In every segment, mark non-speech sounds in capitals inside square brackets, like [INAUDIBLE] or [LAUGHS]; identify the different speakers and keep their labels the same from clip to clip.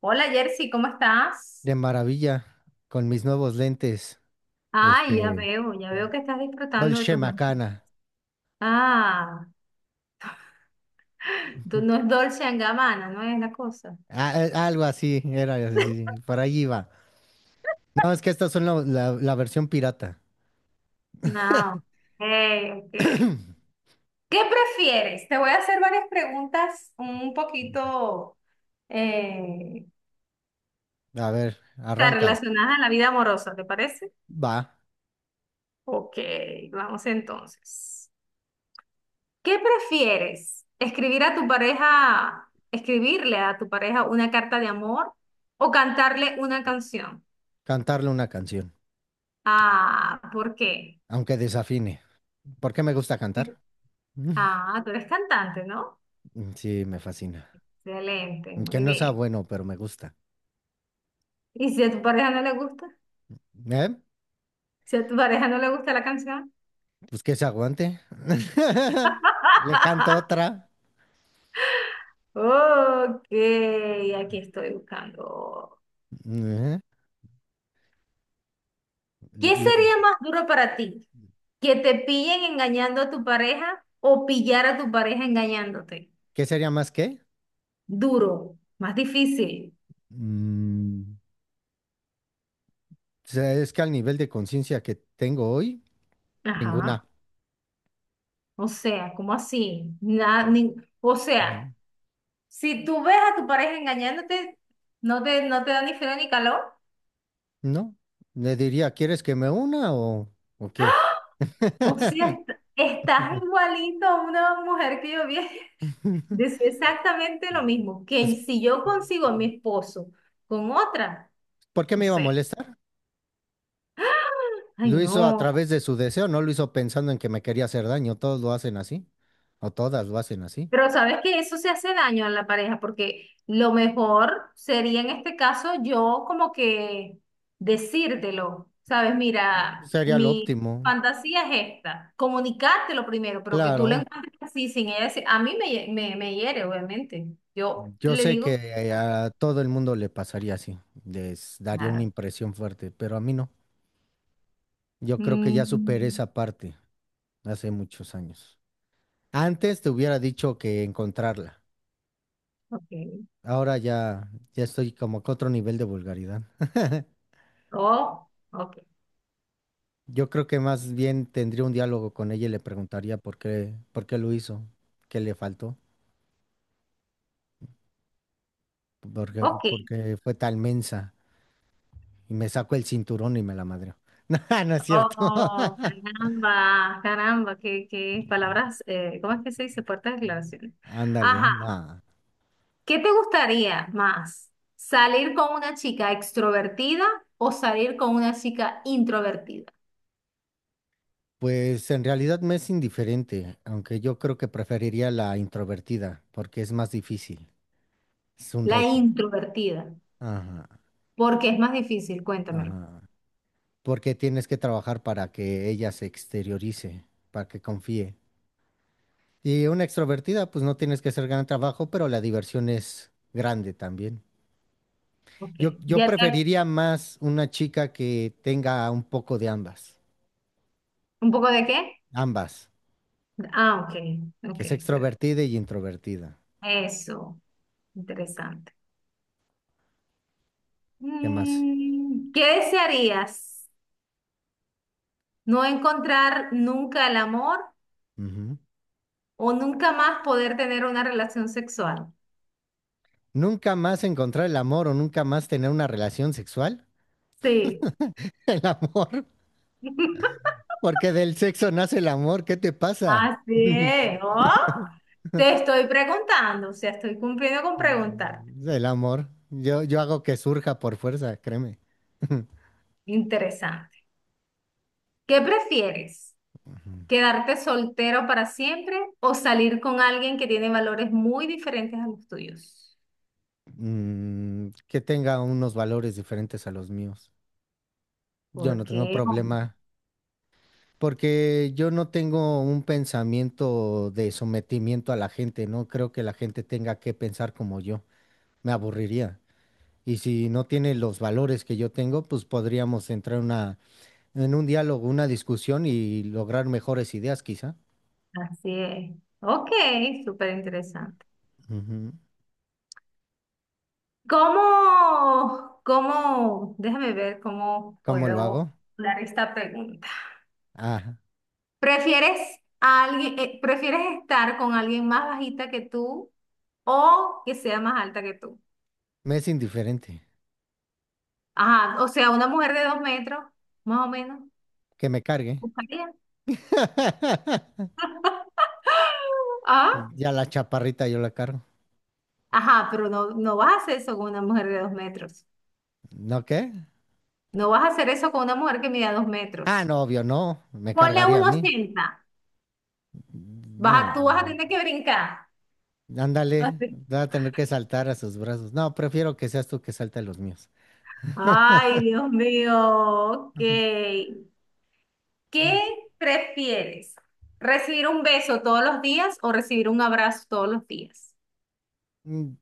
Speaker 1: Hola Jersey, ¿cómo estás?
Speaker 2: De maravilla con mis nuevos lentes,
Speaker 1: Ay,
Speaker 2: este,
Speaker 1: ya veo que estás disfrutando de
Speaker 2: Dolce
Speaker 1: tus noches.
Speaker 2: Macana.
Speaker 1: Ah, [LAUGHS]
Speaker 2: Ujú.
Speaker 1: no es Dolce and Gabbana, no es la cosa.
Speaker 2: Algo así era, sí,
Speaker 1: [LAUGHS]
Speaker 2: sí, por ahí iba. No, es que estas son la versión pirata.
Speaker 1: No. Hey, ok. ok.
Speaker 2: [CLEARS THROAT]
Speaker 1: ¿Qué prefieres? Te voy a hacer varias preguntas un poquito eh,
Speaker 2: A ver, arranca.
Speaker 1: relacionadas a la vida amorosa, ¿te parece?
Speaker 2: Va,
Speaker 1: Ok, vamos entonces. ¿Qué prefieres? ¿ escribirle a tu pareja una carta de amor o cantarle una canción?
Speaker 2: cantarle una canción,
Speaker 1: Ah, ¿por qué?
Speaker 2: aunque desafine. ¿Por qué me gusta cantar? [LAUGHS]
Speaker 1: Ah, tú eres cantante, ¿no?
Speaker 2: Sí, me fascina.
Speaker 1: Excelente,
Speaker 2: Que
Speaker 1: muy
Speaker 2: no sea
Speaker 1: bien.
Speaker 2: bueno, pero me gusta.
Speaker 1: ¿Y si a tu pareja no le gusta?
Speaker 2: ¿Eh?
Speaker 1: Si a tu pareja no le gusta la canción.
Speaker 2: Pues que se aguante. [LAUGHS] Le canto
Speaker 1: [LAUGHS]
Speaker 2: otra.
Speaker 1: Ok, aquí estoy buscando.
Speaker 2: Ujú.
Speaker 1: ¿Qué
Speaker 2: Le- le-
Speaker 1: sería más duro para ti? ¿Que te pillen engañando a tu pareja o pillar a tu pareja engañándote?
Speaker 2: ¿Qué sería más qué?
Speaker 1: Duro, más difícil.
Speaker 2: Mm, o sea, es que al nivel de conciencia que tengo hoy,
Speaker 1: Ajá.
Speaker 2: ninguna.
Speaker 1: O sea, ¿cómo así? Nada, o
Speaker 2: No,
Speaker 1: sea, si tú ves a tu pareja engañándote, no te da ni frío ni calor.
Speaker 2: no. Le diría, ¿quieres que me una o qué?
Speaker 1: O sea,
Speaker 2: [LAUGHS]
Speaker 1: estás igualito a una mujer que yo vi. [LAUGHS] Decía exactamente lo mismo, que
Speaker 2: Es-
Speaker 1: si yo consigo a mi esposo con otra,
Speaker 2: ¿Por qué
Speaker 1: o
Speaker 2: me iba a
Speaker 1: sea,
Speaker 2: molestar?
Speaker 1: ay
Speaker 2: Lo hizo a
Speaker 1: no.
Speaker 2: través de su deseo, no lo hizo pensando en que me quería hacer daño. Todos lo hacen así, o todas lo hacen así.
Speaker 1: Pero sabes que eso se hace daño a la pareja, porque lo mejor sería en este caso yo como que decírtelo, ¿sabes? Mira,
Speaker 2: Sería lo
Speaker 1: mi
Speaker 2: óptimo.
Speaker 1: fantasía es esta, comunicártelo primero, pero que tú lo
Speaker 2: Claro,
Speaker 1: encuentres así sin ella decir, a mí me hiere, obviamente. Yo
Speaker 2: yo
Speaker 1: le
Speaker 2: sé que
Speaker 1: digo,
Speaker 2: a todo el mundo le pasaría así, les daría una
Speaker 1: claro.
Speaker 2: impresión fuerte, pero a mí no. Yo creo que ya superé
Speaker 1: Mm,
Speaker 2: esa parte hace muchos años. Antes te hubiera dicho que encontrarla.
Speaker 1: ok,
Speaker 2: Ahora ya, ya estoy como que otro nivel de vulgaridad.
Speaker 1: oh, ok,
Speaker 2: Yo creo que más bien tendría un diálogo con ella y le preguntaría por qué lo hizo, qué le faltó,
Speaker 1: ok.
Speaker 2: porque fue tan mensa. Y me saco el cinturón y me la madreo. [LAUGHS] No, no es cierto. [LAUGHS]
Speaker 1: Oh, caramba, caramba, qué palabras, ¿cómo es que se dice? Fuertes declaraciones.
Speaker 2: Ándale,
Speaker 1: Ajá,
Speaker 2: no.
Speaker 1: ¿qué te gustaría más? ¿Salir con una chica extrovertida o salir con una chica introvertida?
Speaker 2: Pues en realidad me es indiferente, aunque yo creo que preferiría la introvertida, porque es más difícil. Es un
Speaker 1: La
Speaker 2: reto.
Speaker 1: introvertida,
Speaker 2: Ajá,
Speaker 1: porque es más difícil, cuéntamelo.
Speaker 2: ajá. Porque tienes que trabajar para que ella se exteriorice, para que confíe. Y una extrovertida, pues no tienes que hacer gran trabajo, pero la diversión es grande también.
Speaker 1: Ok,
Speaker 2: Yo
Speaker 1: ¿ya te...
Speaker 2: preferiría más una chica que tenga un poco de ambas.
Speaker 1: ¿Un poco de qué?
Speaker 2: Ambas.
Speaker 1: Ah, ok, ok,
Speaker 2: Que es
Speaker 1: perfecto.
Speaker 2: extrovertida y introvertida.
Speaker 1: Eso, interesante.
Speaker 2: ¿Qué más?
Speaker 1: Mm, ¿qué desearías? ¿No encontrar nunca el amor?
Speaker 2: Ujú.
Speaker 1: O nunca más poder tener una relación sexual.
Speaker 2: Nunca más encontrar el amor o nunca más tener una relación sexual.
Speaker 1: Sí.
Speaker 2: [LAUGHS] El amor.
Speaker 1: [LAUGHS]
Speaker 2: Porque del sexo nace el amor. ¿Qué te pasa?
Speaker 1: Así
Speaker 2: [LAUGHS]
Speaker 1: es. ¿Oh? Te estoy preguntando, o sea, estoy cumpliendo con preguntarte.
Speaker 2: El amor. Yo hago que surja por fuerza, créeme. [LAUGHS]
Speaker 1: Interesante. ¿Qué prefieres? ¿Quedarte soltero para siempre o salir con alguien que tiene valores muy diferentes a los tuyos?
Speaker 2: Que tenga unos valores diferentes a los míos. Yo
Speaker 1: ¿Por
Speaker 2: no tengo
Speaker 1: qué, hombre?
Speaker 2: problema porque yo no tengo un pensamiento de sometimiento a la gente. No creo que la gente tenga que pensar como yo. Me aburriría. Y si no tiene los valores que yo tengo, pues podríamos entrar en una, en un diálogo, una discusión y lograr mejores ideas, quizá.
Speaker 1: Así es. Ok, súper interesante.
Speaker 2: Ujú.
Speaker 1: ¿ déjame ver cómo
Speaker 2: ¿Cómo lo
Speaker 1: puedo
Speaker 2: hago?
Speaker 1: dar esta pregunta?
Speaker 2: Ah,
Speaker 1: ¿ prefieres estar con alguien más bajita que tú o que sea más alta que tú?
Speaker 2: me es indiferente.
Speaker 1: Ajá, o sea, una mujer de dos metros, más o menos,
Speaker 2: Que me cargue.
Speaker 1: buscaría.
Speaker 2: [LAUGHS]
Speaker 1: [GASPS] Ah,
Speaker 2: Ya la chaparrita yo la cargo.
Speaker 1: ajá, pero no vas a hacer eso con una mujer de dos metros.
Speaker 2: ¿No qué?
Speaker 1: No vas a hacer eso con una mujer que mida dos
Speaker 2: Ah,
Speaker 1: metros.
Speaker 2: no, obvio, no. Me
Speaker 1: Ponle
Speaker 2: cargaría a
Speaker 1: uno
Speaker 2: mí.
Speaker 1: 80.
Speaker 2: No,
Speaker 1: Tú vas a tener que brincar. [LAUGHS]
Speaker 2: ándale,
Speaker 1: Así.
Speaker 2: va a tener que saltar a sus brazos. No, prefiero que seas tú que salte a los míos.
Speaker 1: Ay, Dios mío, ok.
Speaker 2: Ujú.
Speaker 1: ¿Qué prefieres? ¿Recibir un beso todos los días o recibir un abrazo todos los días?
Speaker 2: Mm,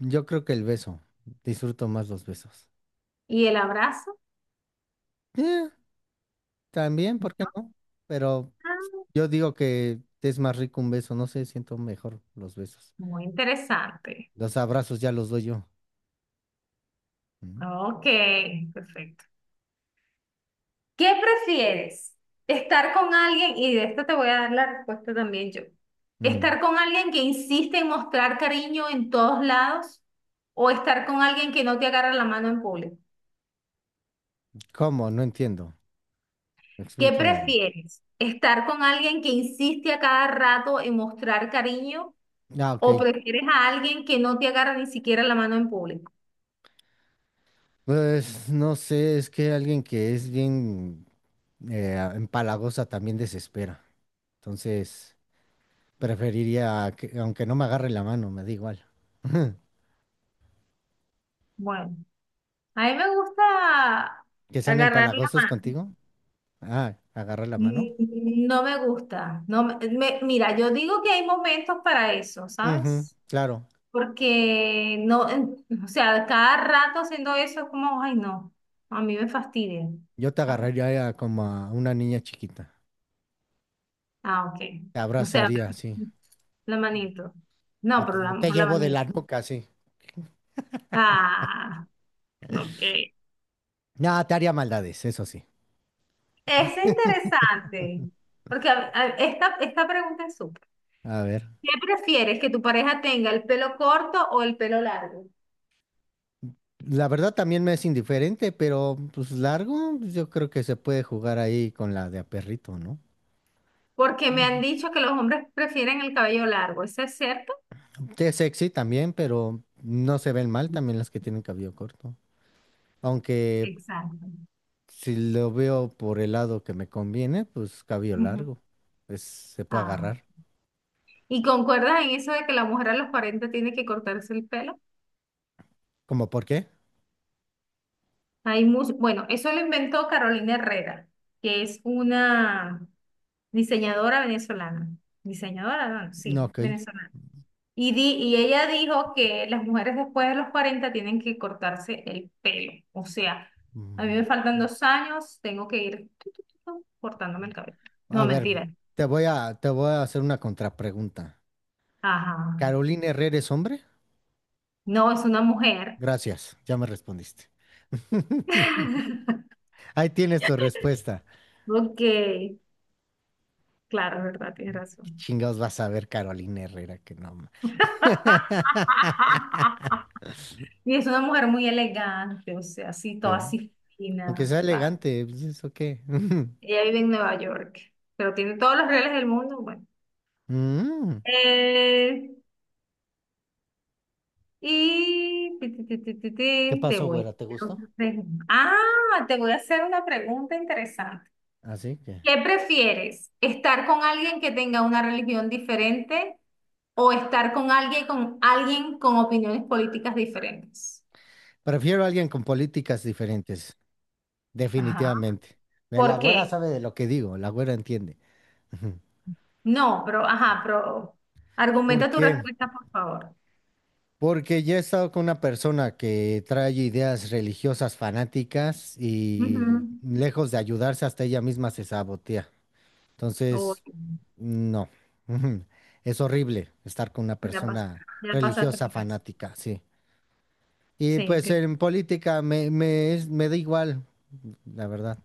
Speaker 2: Yo creo que el beso. Disfruto más los besos.
Speaker 1: ¿Y el abrazo?
Speaker 2: Eh, también, ¿por qué no? Pero
Speaker 1: Ah,
Speaker 2: yo digo que es más rico un beso. No sé, siento mejor los besos.
Speaker 1: muy interesante.
Speaker 2: Los abrazos ya los doy yo. Mm,
Speaker 1: Ok, perfecto. ¿Qué prefieres? ¿Estar con alguien? Y de esto te voy a dar la respuesta también yo.
Speaker 2: mm,
Speaker 1: ¿Estar con alguien que insiste en mostrar cariño en todos lados o estar con alguien que no te agarra la mano en público?
Speaker 2: ¿Cómo? No entiendo.
Speaker 1: ¿Qué
Speaker 2: Explícamela.
Speaker 1: prefieres? ¿Estar con alguien que insiste a cada rato en mostrar cariño?
Speaker 2: Ah, ok.
Speaker 1: ¿O prefieres a alguien que no te agarra ni siquiera la mano en público?
Speaker 2: Pues no sé, es que alguien que es bien empalagosa también desespera. Entonces, preferiría que, aunque no me agarre la mano, me da igual. [LAUGHS]
Speaker 1: Bueno, a mí me gusta
Speaker 2: ¿Que sean
Speaker 1: agarrar la
Speaker 2: empalagosos
Speaker 1: mano.
Speaker 2: contigo? Ah, agarra la mano.
Speaker 1: Mm, no me gusta. No me- me- mira, yo digo que hay momentos para eso,
Speaker 2: Ujú,
Speaker 1: ¿sabes?
Speaker 2: claro.
Speaker 1: Porque no, o sea, cada rato haciendo eso es como, ay, no, a mí me fastidia,
Speaker 2: Yo te
Speaker 1: ¿sabes?
Speaker 2: agarraría como a una niña chiquita.
Speaker 1: Ah, ok.
Speaker 2: Te
Speaker 1: O sea,
Speaker 2: abrazaría así.
Speaker 1: la manito. No, pero la,
Speaker 2: O te
Speaker 1: por la
Speaker 2: llevo de
Speaker 1: manito.
Speaker 2: la nuca sí.
Speaker 1: Ah, ok.
Speaker 2: No, te haría maldades, eso sí.
Speaker 1: Es interesante, porque esta pregunta es súper.
Speaker 2: A ver.
Speaker 1: ¿Qué prefieres, que tu pareja tenga el pelo corto o el pelo largo?
Speaker 2: La verdad también me es indiferente, pero pues largo, pues, yo creo que se puede jugar ahí con la de a perrito, ¿no?
Speaker 1: Porque me han
Speaker 2: Ujú.
Speaker 1: dicho que los hombres prefieren el cabello largo, ¿eso es cierto?
Speaker 2: Que es sexy también, pero no se ven mal también las que tienen cabello corto. Aunque
Speaker 1: Exacto.
Speaker 2: si lo veo por el lado que me conviene, pues cabello
Speaker 1: Ujú.
Speaker 2: largo. Pues se puede
Speaker 1: Ah,
Speaker 2: agarrar.
Speaker 1: ¿y concuerdas en eso de que la mujer a los 40 tiene que cortarse el pelo?
Speaker 2: ¿Cómo por qué?
Speaker 1: Hay mucho, bueno, eso lo inventó Carolina Herrera, que es una diseñadora venezolana. Diseñadora, no,
Speaker 2: No,
Speaker 1: sí,
Speaker 2: ok.
Speaker 1: venezolana. Y ella dijo que las mujeres después de los 40 tienen que cortarse el pelo. O sea, a mí me
Speaker 2: Mm,
Speaker 1: faltan dos años, tengo que ir cortándome el cabello.
Speaker 2: A
Speaker 1: No,
Speaker 2: ver,
Speaker 1: mentira.
Speaker 2: te voy a hacer una contrapregunta.
Speaker 1: Ajá.
Speaker 2: ¿Carolina Herrera es hombre?
Speaker 1: No, es una mujer.
Speaker 2: Gracias, ya me respondiste. [LAUGHS]
Speaker 1: [LAUGHS]
Speaker 2: Ahí tienes tu respuesta.
Speaker 1: Ok, claro, verdad, tienes
Speaker 2: ¿Qué
Speaker 1: razón.
Speaker 2: chingados vas a ver Carolina Herrera? Que no. Ma-
Speaker 1: [LAUGHS]
Speaker 2: [LAUGHS]
Speaker 1: Y es una mujer muy elegante, o sea, así, toda
Speaker 2: Sí.
Speaker 1: así
Speaker 2: Aunque
Speaker 1: fina,
Speaker 2: sea
Speaker 1: ¿sabes?
Speaker 2: elegante, pues eso qué. [LAUGHS]
Speaker 1: Ella vive en Nueva York, pero tiene todos los reales del mundo, bueno.
Speaker 2: Mm,
Speaker 1: Eh, y
Speaker 2: ¿Qué
Speaker 1: te
Speaker 2: pasó,
Speaker 1: voy a
Speaker 2: güera? ¿Te
Speaker 1: hacer
Speaker 2: gustó?
Speaker 1: otra pregunta. Ah, te voy a hacer una pregunta interesante.
Speaker 2: Así que.
Speaker 1: ¿Qué prefieres? ¿Estar con alguien que tenga una religión diferente o estar con alguien con opiniones políticas diferentes?
Speaker 2: Prefiero a alguien con políticas diferentes,
Speaker 1: Ajá.
Speaker 2: definitivamente. La
Speaker 1: ¿Por
Speaker 2: güera
Speaker 1: qué?
Speaker 2: sabe de lo que digo, la güera entiende. [LAUGHS] Ujú.
Speaker 1: No, pero, ajá, pero
Speaker 2: ¿Por
Speaker 1: argumenta tu
Speaker 2: qué?
Speaker 1: respuesta, por favor.
Speaker 2: Porque ya he estado con una persona que trae ideas religiosas fanáticas y
Speaker 1: Ujú.
Speaker 2: lejos de ayudarse, hasta ella misma se sabotea.
Speaker 1: Oh,
Speaker 2: Entonces, no. [LAUGHS] Es horrible estar con una
Speaker 1: ya pas-
Speaker 2: persona
Speaker 1: ya pasaste
Speaker 2: religiosa
Speaker 1: por eso.
Speaker 2: fanática, sí. Y
Speaker 1: Sí,
Speaker 2: pues
Speaker 1: claro.
Speaker 2: en política me da igual, la verdad.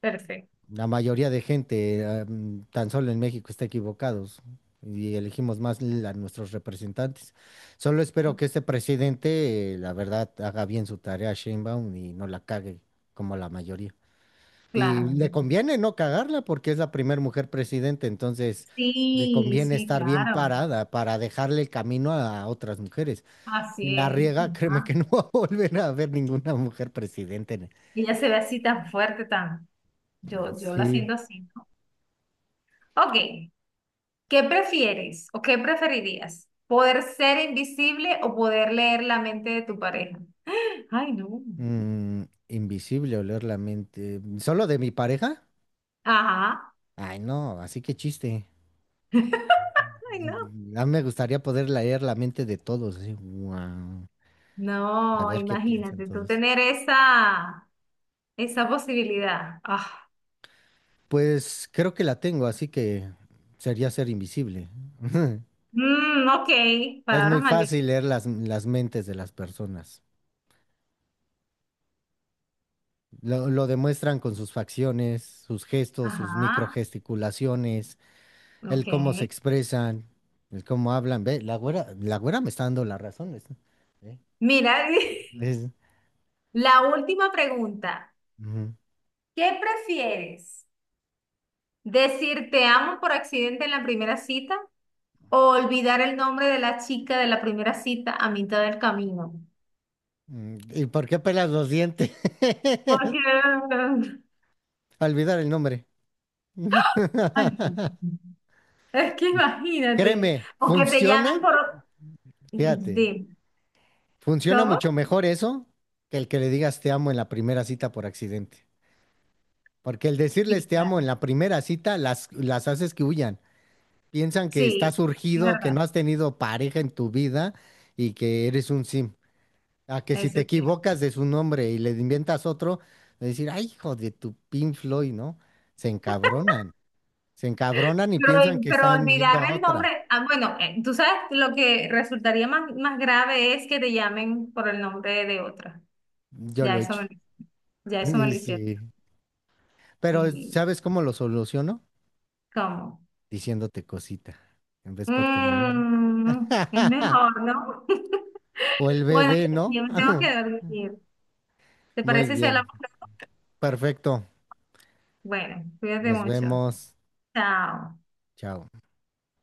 Speaker 1: Perfecto.
Speaker 2: La mayoría de gente, tan solo en México, está equivocados y elegimos más l- a nuestros representantes. Solo espero que este presidente, la verdad, haga bien su tarea, Sheinbaum, y no la cague como la mayoría. Y
Speaker 1: Claro.
Speaker 2: le
Speaker 1: Claro.
Speaker 2: conviene no cagarla porque es la primera mujer presidente, entonces le
Speaker 1: Sí,
Speaker 2: conviene
Speaker 1: sí,
Speaker 2: estar bien
Speaker 1: claro.
Speaker 2: parada para dejarle el camino a otras mujeres. Si
Speaker 1: Así
Speaker 2: la
Speaker 1: es.
Speaker 2: riega, [LAUGHS] créeme
Speaker 1: Ajá.
Speaker 2: que no [LAUGHS] va a volver a ver ninguna mujer presidente.
Speaker 1: Ella se ve así tan fuerte, tan... Yo la
Speaker 2: Sí,
Speaker 1: siento así, ¿no? Ok, ¿qué prefieres o qué preferirías? ¿Poder ser invisible o poder leer la mente de tu pareja? [GASPS] Ay, no.
Speaker 2: mm, invisible oler la mente. ¿Solo de mi pareja?
Speaker 1: Ajá.
Speaker 2: Ay, no, así que chiste.
Speaker 1: Ay, no.
Speaker 2: A mí me gustaría poder leer la mente de todos, así, guau, a
Speaker 1: No,
Speaker 2: ver qué piensan
Speaker 1: imagínate tú
Speaker 2: todos.
Speaker 1: tener esa posibilidad. Ah.
Speaker 2: Pues creo que la tengo, así que sería ser invisible. [LAUGHS]
Speaker 1: Mm, ok,
Speaker 2: Es
Speaker 1: palabras
Speaker 2: muy
Speaker 1: mayores.
Speaker 2: fácil leer las mentes de las personas. Lo demuestran con sus facciones, sus gestos, sus
Speaker 1: Ajá,
Speaker 2: microgesticulaciones,
Speaker 1: ok.
Speaker 2: el cómo se expresan, el cómo hablan. Ve, la güera me está dando las razones. ¿Eh?
Speaker 1: Mira, [LAUGHS]
Speaker 2: Es-
Speaker 1: la última pregunta.
Speaker 2: ujú.
Speaker 1: ¿Qué prefieres? ¿Decir te amo por accidente en la primera cita o olvidar el nombre de la chica de la primera cita a mitad del camino?
Speaker 2: ¿Y por qué pelas los dientes?
Speaker 1: Porque...
Speaker 2: [LAUGHS] Olvidar el nombre. [LAUGHS]
Speaker 1: [LAUGHS] Ay, no. Es que imagínate.
Speaker 2: Créeme,
Speaker 1: O que te llamen
Speaker 2: funciona.
Speaker 1: por...
Speaker 2: Fíjate.
Speaker 1: de-
Speaker 2: Funciona
Speaker 1: ¿Cómo?
Speaker 2: mucho mejor eso que el que le digas te amo en la primera cita por accidente. Porque el decirles
Speaker 1: Sí,
Speaker 2: te amo en
Speaker 1: claro.
Speaker 2: la primera cita las haces que huyan. Piensan que estás
Speaker 1: Sí, es
Speaker 2: surgido, que
Speaker 1: verdad.
Speaker 2: no has tenido pareja en tu vida y que eres un sim. A que si
Speaker 1: Eso
Speaker 2: te
Speaker 1: es cierto.
Speaker 2: equivocas de su nombre y le inventas otro, de decir, ay, hijo de tu Pink Floyd, ¿no? Se encabronan. Se encabronan y
Speaker 1: Pero,
Speaker 2: piensan que
Speaker 1: pero
Speaker 2: están viendo
Speaker 1: olvidar
Speaker 2: a
Speaker 1: el
Speaker 2: otra.
Speaker 1: nombre, ah, bueno, tú sabes, lo que resultaría más grave es que te llamen por el nombre de otra.
Speaker 2: Yo lo
Speaker 1: Ya
Speaker 2: he
Speaker 1: eso
Speaker 2: hecho.
Speaker 1: me, ya
Speaker 2: [LAUGHS]
Speaker 1: eso me
Speaker 2: Y
Speaker 1: lo hicieron.
Speaker 2: sí. Pero
Speaker 1: ¿Y
Speaker 2: ¿sabes cómo lo soluciono?
Speaker 1: cómo?
Speaker 2: Diciéndote cosita, en vez por tu nombre.
Speaker 1: Mm, es
Speaker 2: [LAUGHS]
Speaker 1: mejor, ¿no? [LAUGHS]
Speaker 2: O el
Speaker 1: Bueno,
Speaker 2: bebé,
Speaker 1: yo
Speaker 2: ¿no?
Speaker 1: me tengo que
Speaker 2: [LAUGHS]
Speaker 1: dormir. ¿Te
Speaker 2: Muy
Speaker 1: parece si
Speaker 2: bien,
Speaker 1: hablamos?
Speaker 2: perfecto.
Speaker 1: Bueno, cuídate
Speaker 2: Nos
Speaker 1: mucho.
Speaker 2: vemos.
Speaker 1: Chao.
Speaker 2: Chao.